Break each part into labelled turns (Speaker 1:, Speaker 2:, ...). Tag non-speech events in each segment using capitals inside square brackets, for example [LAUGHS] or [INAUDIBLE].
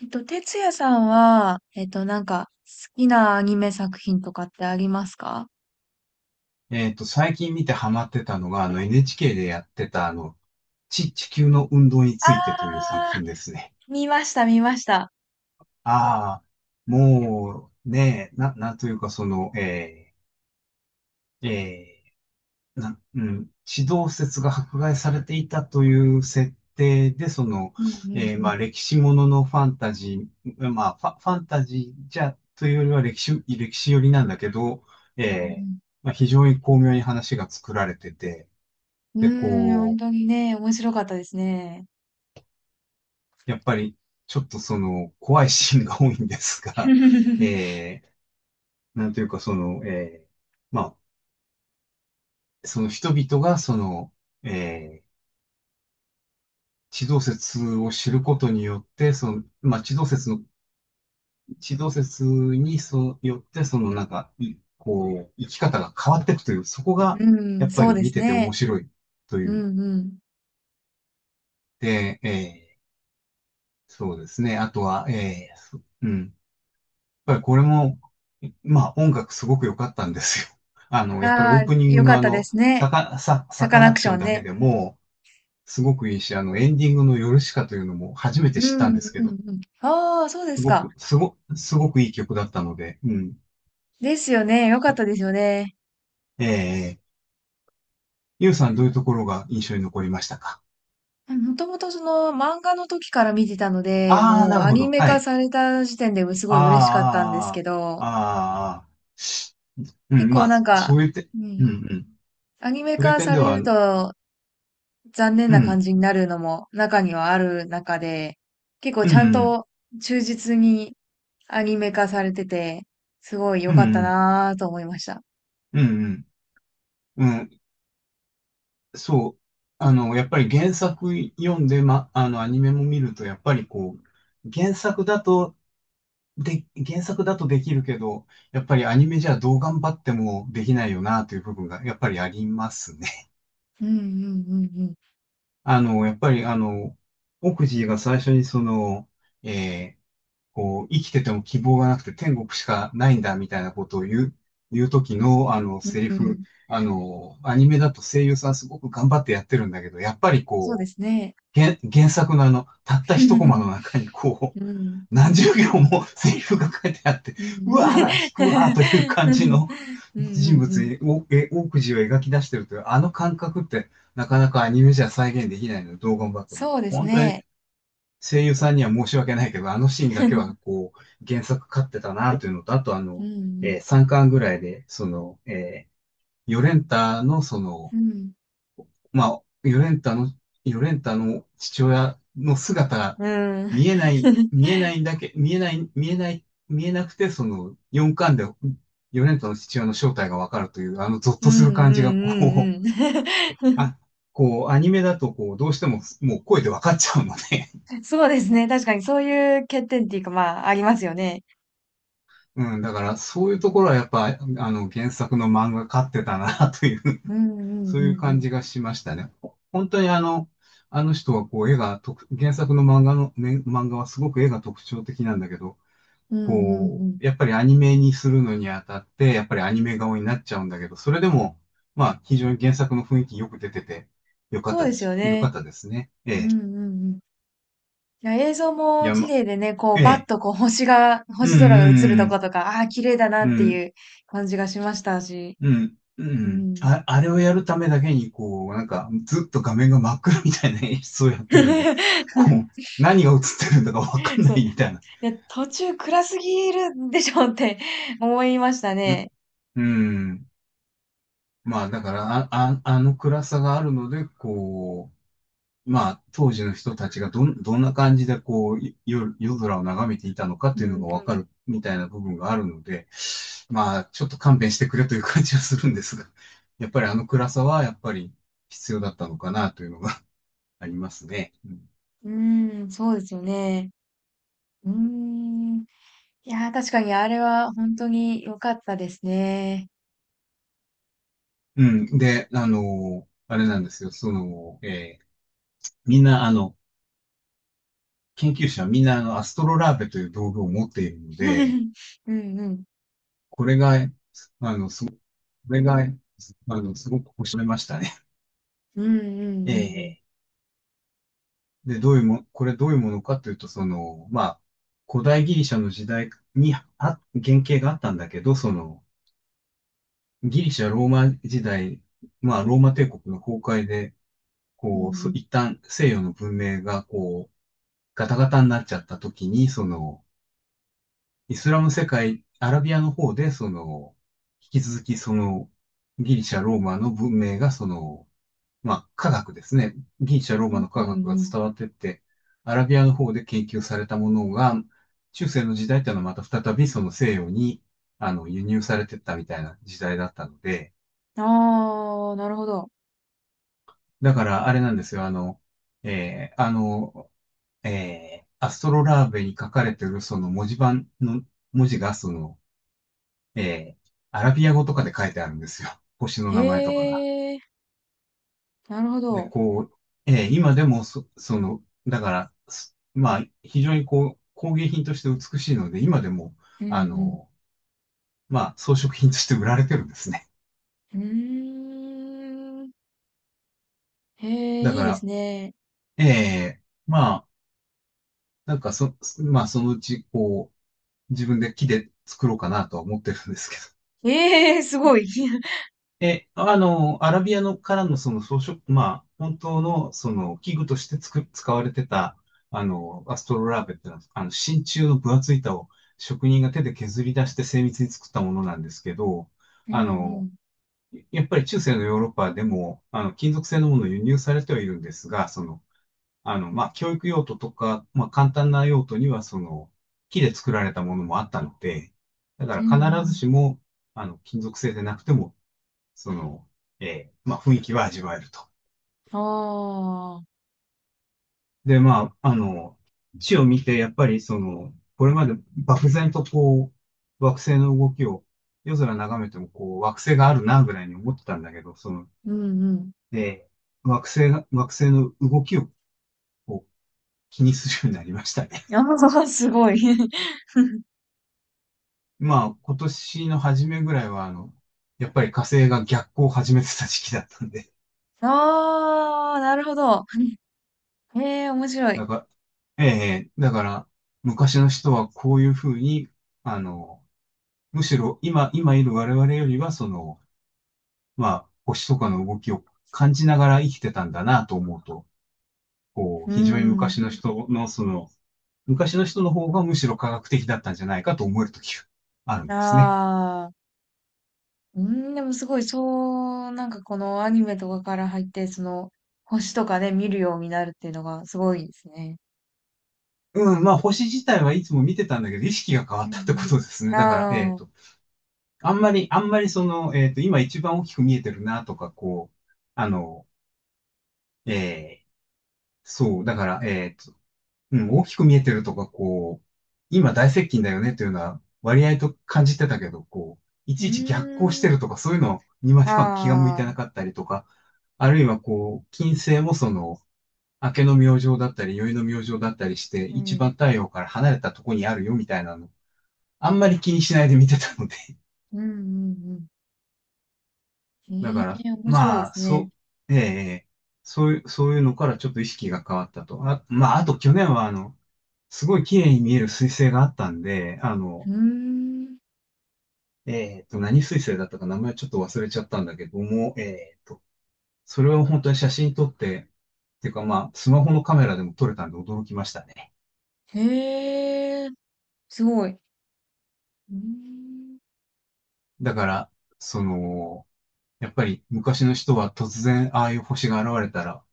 Speaker 1: 哲也さんは、なんか、好きなアニメ作品とかってありますか？
Speaker 2: 最近見てハマってたのが、NHK でやってた、地球の運動に
Speaker 1: あ
Speaker 2: ついてという
Speaker 1: ー、
Speaker 2: 作品ですね。
Speaker 1: 見ました、見ました。
Speaker 2: ああ、もう、ねえ、なんというか、ー、えうん、地動説が迫害されていたという設定で、
Speaker 1: うんう
Speaker 2: ま
Speaker 1: ん
Speaker 2: あ、歴史もののファンタジー、まあ、ファンタジーじゃ、というよりは歴史寄りなんだけど、
Speaker 1: う
Speaker 2: えー、
Speaker 1: ん、
Speaker 2: まあ、非常に巧妙に話が作られてて、
Speaker 1: う
Speaker 2: で、
Speaker 1: ん、うーん本
Speaker 2: こ
Speaker 1: 当
Speaker 2: う、
Speaker 1: にね、面白かったですね。
Speaker 2: やっぱり、ちょっとその、怖いシーンが多いんです
Speaker 1: [LAUGHS] う
Speaker 2: が、[LAUGHS] えー、なんというかその、えー、まあ、その人々がその、えー、地動説を知ることによって、その、まあ、地動説によって、そのなんか、いこう、生き方が変わっていくという、そこが、
Speaker 1: ん。う
Speaker 2: や
Speaker 1: ん、
Speaker 2: っぱ
Speaker 1: そう
Speaker 2: り
Speaker 1: で
Speaker 2: 見
Speaker 1: す
Speaker 2: てて面
Speaker 1: ね。
Speaker 2: 白いと
Speaker 1: う
Speaker 2: いう。
Speaker 1: んうん。
Speaker 2: で、そうですね。あとは、ぱりこれも、まあ音楽すごく良かったんですよ。[LAUGHS] あの、やっぱりオ
Speaker 1: あ
Speaker 2: ープニ
Speaker 1: ー、
Speaker 2: ング
Speaker 1: よか
Speaker 2: の
Speaker 1: っ
Speaker 2: あ
Speaker 1: たで
Speaker 2: の、
Speaker 1: すね。サ
Speaker 2: サ
Speaker 1: カ
Speaker 2: カナ
Speaker 1: ナ
Speaker 2: ク
Speaker 1: ク
Speaker 2: シ
Speaker 1: シ
Speaker 2: ョ
Speaker 1: ョ
Speaker 2: ン
Speaker 1: ン
Speaker 2: だけ
Speaker 1: ね。
Speaker 2: でも、すごくいいし、あの、エンディングのヨルシカというのも初め
Speaker 1: う
Speaker 2: て知ったん
Speaker 1: ん
Speaker 2: ですけ
Speaker 1: うん
Speaker 2: ど、
Speaker 1: うん。あー、そうで
Speaker 2: す
Speaker 1: す
Speaker 2: ご
Speaker 1: か。
Speaker 2: く、すごくいい曲だったので、うん。
Speaker 1: ですよね、よかったですよね。
Speaker 2: えー、ゆうさんどういうところが印象に残りましたか？
Speaker 1: もともとその漫画の時から見てたので、
Speaker 2: ああー、
Speaker 1: もう
Speaker 2: なる
Speaker 1: ア
Speaker 2: ほ
Speaker 1: ニ
Speaker 2: ど。
Speaker 1: メ
Speaker 2: は
Speaker 1: 化
Speaker 2: い。
Speaker 1: された時点ですごい嬉しかったんです
Speaker 2: あ
Speaker 1: け
Speaker 2: あ、あ
Speaker 1: ど、
Speaker 2: あ、あーあー、う
Speaker 1: 結
Speaker 2: ん、ま
Speaker 1: 構
Speaker 2: あ、
Speaker 1: なんか、
Speaker 2: そういう点、
Speaker 1: う
Speaker 2: うん、う
Speaker 1: ん、
Speaker 2: ん。
Speaker 1: アニメ
Speaker 2: そういう
Speaker 1: 化
Speaker 2: 点
Speaker 1: さ
Speaker 2: で
Speaker 1: れ
Speaker 2: は、う
Speaker 1: る
Speaker 2: ん、
Speaker 1: と残念
Speaker 2: う
Speaker 1: な感
Speaker 2: ん、
Speaker 1: じになるのも中にはある中で、結構
Speaker 2: う
Speaker 1: ちゃん
Speaker 2: ん、
Speaker 1: と忠実にアニメ化されてて、すごい
Speaker 2: う
Speaker 1: 良かった
Speaker 2: ん、
Speaker 1: なぁと思いました。
Speaker 2: うん、うん、うん、うん、そう、あの、やっぱり原作読んで、ま、あの、アニメも見ると、やっぱりこう、原作だとできるけど、やっぱりアニメじゃどう頑張ってもできないよな、という部分が、やっぱりありますね。[LAUGHS]
Speaker 1: うんうんうん
Speaker 2: あの、やっぱり、あの、奥地が最初にその、えーこう、生きてても希望がなくて天国しかないんだ、みたいなことを言う時の、あの、
Speaker 1: うん。
Speaker 2: セリ
Speaker 1: う
Speaker 2: フ、
Speaker 1: ん、
Speaker 2: あの、アニメだと声優さんすごく頑張ってやってるんだけど、やっぱり
Speaker 1: そうで
Speaker 2: こう、
Speaker 1: すね。
Speaker 2: 原作のあの、たった一コマの
Speaker 1: [LAUGHS]
Speaker 2: 中にこ
Speaker 1: う
Speaker 2: う、
Speaker 1: ん。うん。
Speaker 2: 何十行もセリフが書いてあって、うわーだ、引くわーという
Speaker 1: [LAUGHS]
Speaker 2: 感
Speaker 1: う
Speaker 2: じ
Speaker 1: ん
Speaker 2: の
Speaker 1: うんうん
Speaker 2: 人
Speaker 1: う
Speaker 2: 物に、
Speaker 1: ん、
Speaker 2: 大くじを描き出してるという、あの感覚ってなかなかアニメじゃ再現できないので、どう頑張っても。
Speaker 1: そうです
Speaker 2: 本当に
Speaker 1: ね。
Speaker 2: 声優さんには申し訳ないけど、あのシーンだけは
Speaker 1: [LAUGHS]
Speaker 2: こう、原作勝ってたなというのと、あとあ
Speaker 1: うん
Speaker 2: の、
Speaker 1: うん。
Speaker 2: 3巻ぐらいで、その、ヨレンタのその、
Speaker 1: うん。
Speaker 2: まあ、ヨレンタの父親の姿が
Speaker 1: うん。
Speaker 2: 見えない、見えないだけ、見えない、見えない、見えなくて、その4巻でヨレンタの父親の正体がわかるという、あのゾッ
Speaker 1: う
Speaker 2: とす
Speaker 1: ん
Speaker 2: る
Speaker 1: うん
Speaker 2: 感じが、う、
Speaker 1: うん
Speaker 2: あ、こう、アニメだと、こう、どうしても、もう声でわかっちゃうので、
Speaker 1: うん。[LAUGHS] そうですね。確かにそういう欠点っていうか、まあ、ありますよね。
Speaker 2: うん、だから、そういうところはやっぱ、あの、原作の漫画勝ってたな、という
Speaker 1: うんうん
Speaker 2: そう
Speaker 1: う
Speaker 2: いう
Speaker 1: んう
Speaker 2: 感
Speaker 1: ん。
Speaker 2: じがしましたね。本当にあの、あの人はこう絵が特、原作の漫画の、ね、漫画はすごく絵が特徴的なんだけど、
Speaker 1: うんうんう
Speaker 2: こ
Speaker 1: ん。
Speaker 2: う、やっぱりアニメにするのにあたって、やっぱりアニメ顔になっちゃうんだけど、それでも、まあ、非常に原作の雰囲気よく出てて、よかっ
Speaker 1: そう
Speaker 2: た
Speaker 1: で
Speaker 2: で
Speaker 1: すよ
Speaker 2: す。よかっ
Speaker 1: ね。
Speaker 2: たですね。え
Speaker 1: う
Speaker 2: え。
Speaker 1: んうんうん。いや、映像
Speaker 2: い
Speaker 1: も
Speaker 2: や、
Speaker 1: 綺
Speaker 2: ま、
Speaker 1: 麗でね、こう、
Speaker 2: え
Speaker 1: バッ
Speaker 2: え。
Speaker 1: とこう、
Speaker 2: う
Speaker 1: 星空が映ると
Speaker 2: んうん
Speaker 1: ことか、ああ、綺麗だな
Speaker 2: うん。
Speaker 1: って
Speaker 2: う
Speaker 1: い
Speaker 2: ん。
Speaker 1: う感じがしましたし。
Speaker 2: うん、う
Speaker 1: う
Speaker 2: ん。
Speaker 1: ん。
Speaker 2: あ、あれをやるためだけに、こう、なんか、ずっと画面が真っ暗みたいな演出をやってるんで、こう、
Speaker 1: [LAUGHS]
Speaker 2: 何が映ってるんだかわかんな
Speaker 1: そう。い
Speaker 2: いみたいな。
Speaker 1: や、途中暗すぎるでしょって思いました
Speaker 2: うん、
Speaker 1: ね。
Speaker 2: うん。まあ、だから、あの暗さがあるので、こう、まあ、当時の人たちがどんな感じで、こう、夜空を眺めていたのかって
Speaker 1: う
Speaker 2: いうの
Speaker 1: ん
Speaker 2: がわかるみたいな部分があるので、まあ、ちょっと勘弁してくれという感じはするんですが、やっぱりあの暗さは、やっぱり必要だったのかなというのがありますね。うん。
Speaker 1: うん、うーん、そうですよね。うーん。いやー、確かにあれは本当に良かったですね。
Speaker 2: うんで、あの、あれなんですよ。その、みんな、あの、研究者はみんな、あの、アストロラーベという道具を持っているので、
Speaker 1: [LAUGHS] うんうん。
Speaker 2: これが、これが、あの、すごく面白いましたね。
Speaker 1: うんうんう
Speaker 2: [LAUGHS]
Speaker 1: んうん。
Speaker 2: えーで、どういうも、これどういうものかというと、その、まあ、古代ギリシャの時代に原型があったんだけど、その、ギリシャ、ローマ時代、まあ、ローマ帝国の崩壊で、
Speaker 1: うんうん。
Speaker 2: 一旦西洋の文明が、こう、ガタガタになっちゃった時に、その、イスラム世界、アラビアの方で、その、引き続き、その、ギリシャ、ローマの文明が、その、まあ、科学ですね。ギリシャ、ローマの
Speaker 1: うん
Speaker 2: 科学が
Speaker 1: うん。
Speaker 2: 伝わってって、アラビアの方で研究されたものが、中世の時代っていうのはまた再びその西洋に、あの、輸入されてったみたいな時代だったので、
Speaker 1: ああー、なるほど。
Speaker 2: だからあれなんですよ、あの、えーあの、アストロラーベに書かれてるその文字盤の文字がその、えーアラビア語とかで書いてあるんですよ。星の
Speaker 1: へ
Speaker 2: 名前とかが。
Speaker 1: え、なるほ
Speaker 2: で、
Speaker 1: ど。
Speaker 2: こう、今でもその、だから、まあ、非常にこう、工芸品として美しいので、今でも、
Speaker 1: う
Speaker 2: あ
Speaker 1: ん
Speaker 2: の、まあ、装飾品として売られてるんですね。
Speaker 1: うん。うーん。へえ、
Speaker 2: だ
Speaker 1: い
Speaker 2: か
Speaker 1: いです
Speaker 2: ら、
Speaker 1: ね。
Speaker 2: えーまあ、なんかそ、まあ、そのうち、こう、自分で木で作ろうかなとは思ってるんですけど。
Speaker 1: ええ、すごい。[LAUGHS]
Speaker 2: え、あの、アラビアのからのその装飾、まあ、本当のその器具として使われてた、あの、アストロラーベってのは、あの、真鍮の分厚い板を職人が手で削り出して精密に作ったものなんですけど、
Speaker 1: うん
Speaker 2: あ
Speaker 1: う
Speaker 2: の、
Speaker 1: ん。
Speaker 2: やっぱり中世のヨーロッパでも、あの、金属製のものを輸入されてはいるんですが、その、あの、まあ、教育用途とか、まあ、簡単な用途には、その、木で作られたものもあったので、だ
Speaker 1: うん
Speaker 2: か
Speaker 1: う
Speaker 2: ら必ず
Speaker 1: ん。
Speaker 2: しも、あの、金属製でなくても、その、まあ、雰囲気は味わえると。
Speaker 1: ああ、
Speaker 2: で、まあ、あの、地を見て、やっぱりその、これまで漠然とこう、惑星の動きを夜空眺めても、こう、惑星があるな、ぐらいに思ってたんだけど、その、
Speaker 1: うんうん。
Speaker 2: で、惑星の動きをこう気にするようになりましたね。
Speaker 1: ああ、すごい。
Speaker 2: [LAUGHS] まあ、今年の初めぐらいは、あの、やっぱり火星が逆行を始めてた時期だったんで、
Speaker 1: ああ、なるほど。へえ、面白い。
Speaker 2: だから、えだから、昔の人はこういうふうに、あの、むしろ今いる我々よりは、その、まあ、星とかの動きを感じながら生きてたんだなと思うと、こ
Speaker 1: う
Speaker 2: う、
Speaker 1: ー
Speaker 2: 非常に昔
Speaker 1: ん。
Speaker 2: の人の、その、昔の人の方がむしろ科学的だったんじゃないかと思えるときがあるんですね。
Speaker 1: ああ。うーん、でもすごい、そう、なんかこのアニメとかから入って、その、星とかね、見るようになるっていうのがすごいですね。
Speaker 2: うん、まあ、星自体はいつも見てたんだけど、意識が変わ
Speaker 1: う
Speaker 2: っ
Speaker 1: ん
Speaker 2: たってことですね。
Speaker 1: うん。
Speaker 2: だから、
Speaker 1: ああ。う
Speaker 2: あんまりその、今一番大きく見えてるなとか、こう、あの、えーそう、だから、うん、大きく見えてるとか、こう、今大接近だよねというのは割合と感じてたけど、こう、い
Speaker 1: ー
Speaker 2: ちいち逆行して
Speaker 1: ん。
Speaker 2: るとか、そういうのにまでは気が向い
Speaker 1: あ
Speaker 2: てな
Speaker 1: あ。
Speaker 2: かったりとか、あるいはこう、金星もその、明けの明星だったり、宵の明星だったりして、
Speaker 1: う
Speaker 2: 一番
Speaker 1: ん。
Speaker 2: 太陽から離れたとこにあるよみたいなの、あんまり気にしないで見てたので。
Speaker 1: うんうんう
Speaker 2: [LAUGHS] だ
Speaker 1: ん。へ
Speaker 2: から、
Speaker 1: え、面白いで
Speaker 2: まあ、
Speaker 1: すね。
Speaker 2: そう、えそういうのからちょっと意識が変わったと。あ、まあ、あと去年はすごい綺麗に見える彗星があったんで、
Speaker 1: うーん。
Speaker 2: 何水星だったか名前ちょっと忘れちゃったんだけども、それを本当に写真撮って、っていうかまあ、スマホのカメラでも撮れたんで驚きましたね。
Speaker 1: へえ、すごい。うーん。
Speaker 2: だから、その、やっぱり昔の人は突然ああいう星が現れたら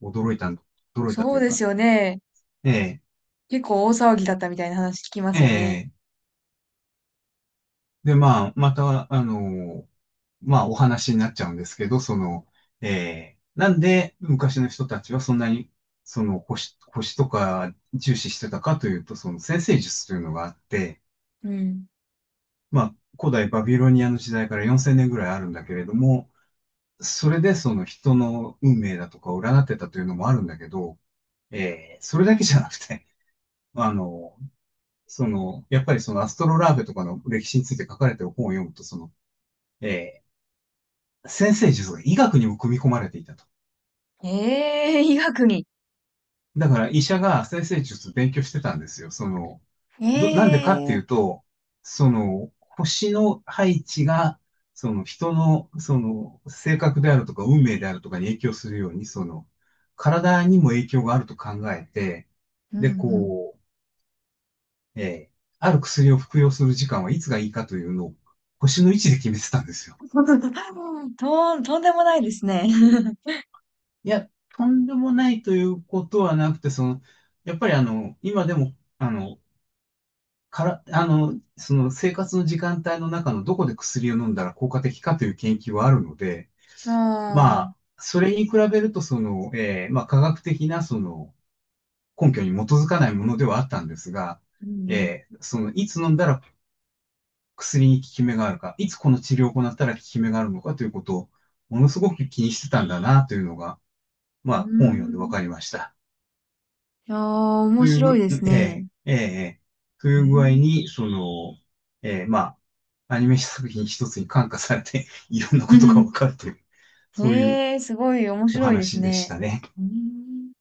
Speaker 2: 驚いたん、驚いた
Speaker 1: そ
Speaker 2: と
Speaker 1: う
Speaker 2: いう
Speaker 1: で
Speaker 2: か、
Speaker 1: すよね。
Speaker 2: ええ
Speaker 1: 結構大騒ぎだったみたいな話聞きますよね。
Speaker 2: ええで、まあ、また、まあ、お話になっちゃうんですけど、その、なんで昔の人たちはそんなに、その、星とか重視してたかというと、その占星術というのがあって、
Speaker 1: うん。
Speaker 2: まあ、古代バビロニアの時代から4,000年ぐらいあるんだけれども、それでその人の運命だとかを占ってたというのもあるんだけど、それだけじゃなくて、あの、その、やっぱりそのアストロラーベとかの歴史について書かれてる本を読むと、その、えー先生術が医学にも組み込まれていたと。
Speaker 1: ええ、医学に。
Speaker 2: だから医者が先生術勉強してたんですよ。その、なんでかってい
Speaker 1: え
Speaker 2: う
Speaker 1: え、
Speaker 2: と、その、星の配置が、その人の、その、性格であるとか、運命であるとかに影響するように、その、体にも影響があると考えて、
Speaker 1: うんう
Speaker 2: で、
Speaker 1: ん。
Speaker 2: こう、ある薬を服用する時間はいつがいいかというのを、星の位置で決めてたんですよ。
Speaker 1: [LAUGHS] とんでもないですね。[LAUGHS]
Speaker 2: いや、とんでもないということはなくて、その、やっぱり今でも、あの、から、あの、その生活の時間帯の中のどこで薬を飲んだら効果的かという研究はあるので、ま
Speaker 1: あ
Speaker 2: あ、
Speaker 1: あ、
Speaker 2: それに比べると、その、まあ、科学的な、その、根拠に基づかないものではあったんですが、
Speaker 1: うんうん。
Speaker 2: その、いつ飲んだら薬に効き目があるか、いつこの治療を行ったら効き目があるのかということを、ものすごく気にしてたんだな、というのが、ま
Speaker 1: う
Speaker 2: あ、本を読ん
Speaker 1: ー
Speaker 2: で分
Speaker 1: ん。
Speaker 2: かりました。
Speaker 1: いやー、
Speaker 2: と
Speaker 1: 面
Speaker 2: いう
Speaker 1: 白い
Speaker 2: ぐ、
Speaker 1: です
Speaker 2: ええ、
Speaker 1: ね。
Speaker 2: ええ、と
Speaker 1: う
Speaker 2: いう具合
Speaker 1: ん。
Speaker 2: に、その、まあ、アニメ作品一つに感化されて、[LAUGHS] いろんなことがわか
Speaker 1: [LAUGHS]
Speaker 2: るという、そういう
Speaker 1: ええ、すごい面
Speaker 2: お
Speaker 1: 白いです
Speaker 2: 話でし
Speaker 1: ね。
Speaker 2: たね。
Speaker 1: うん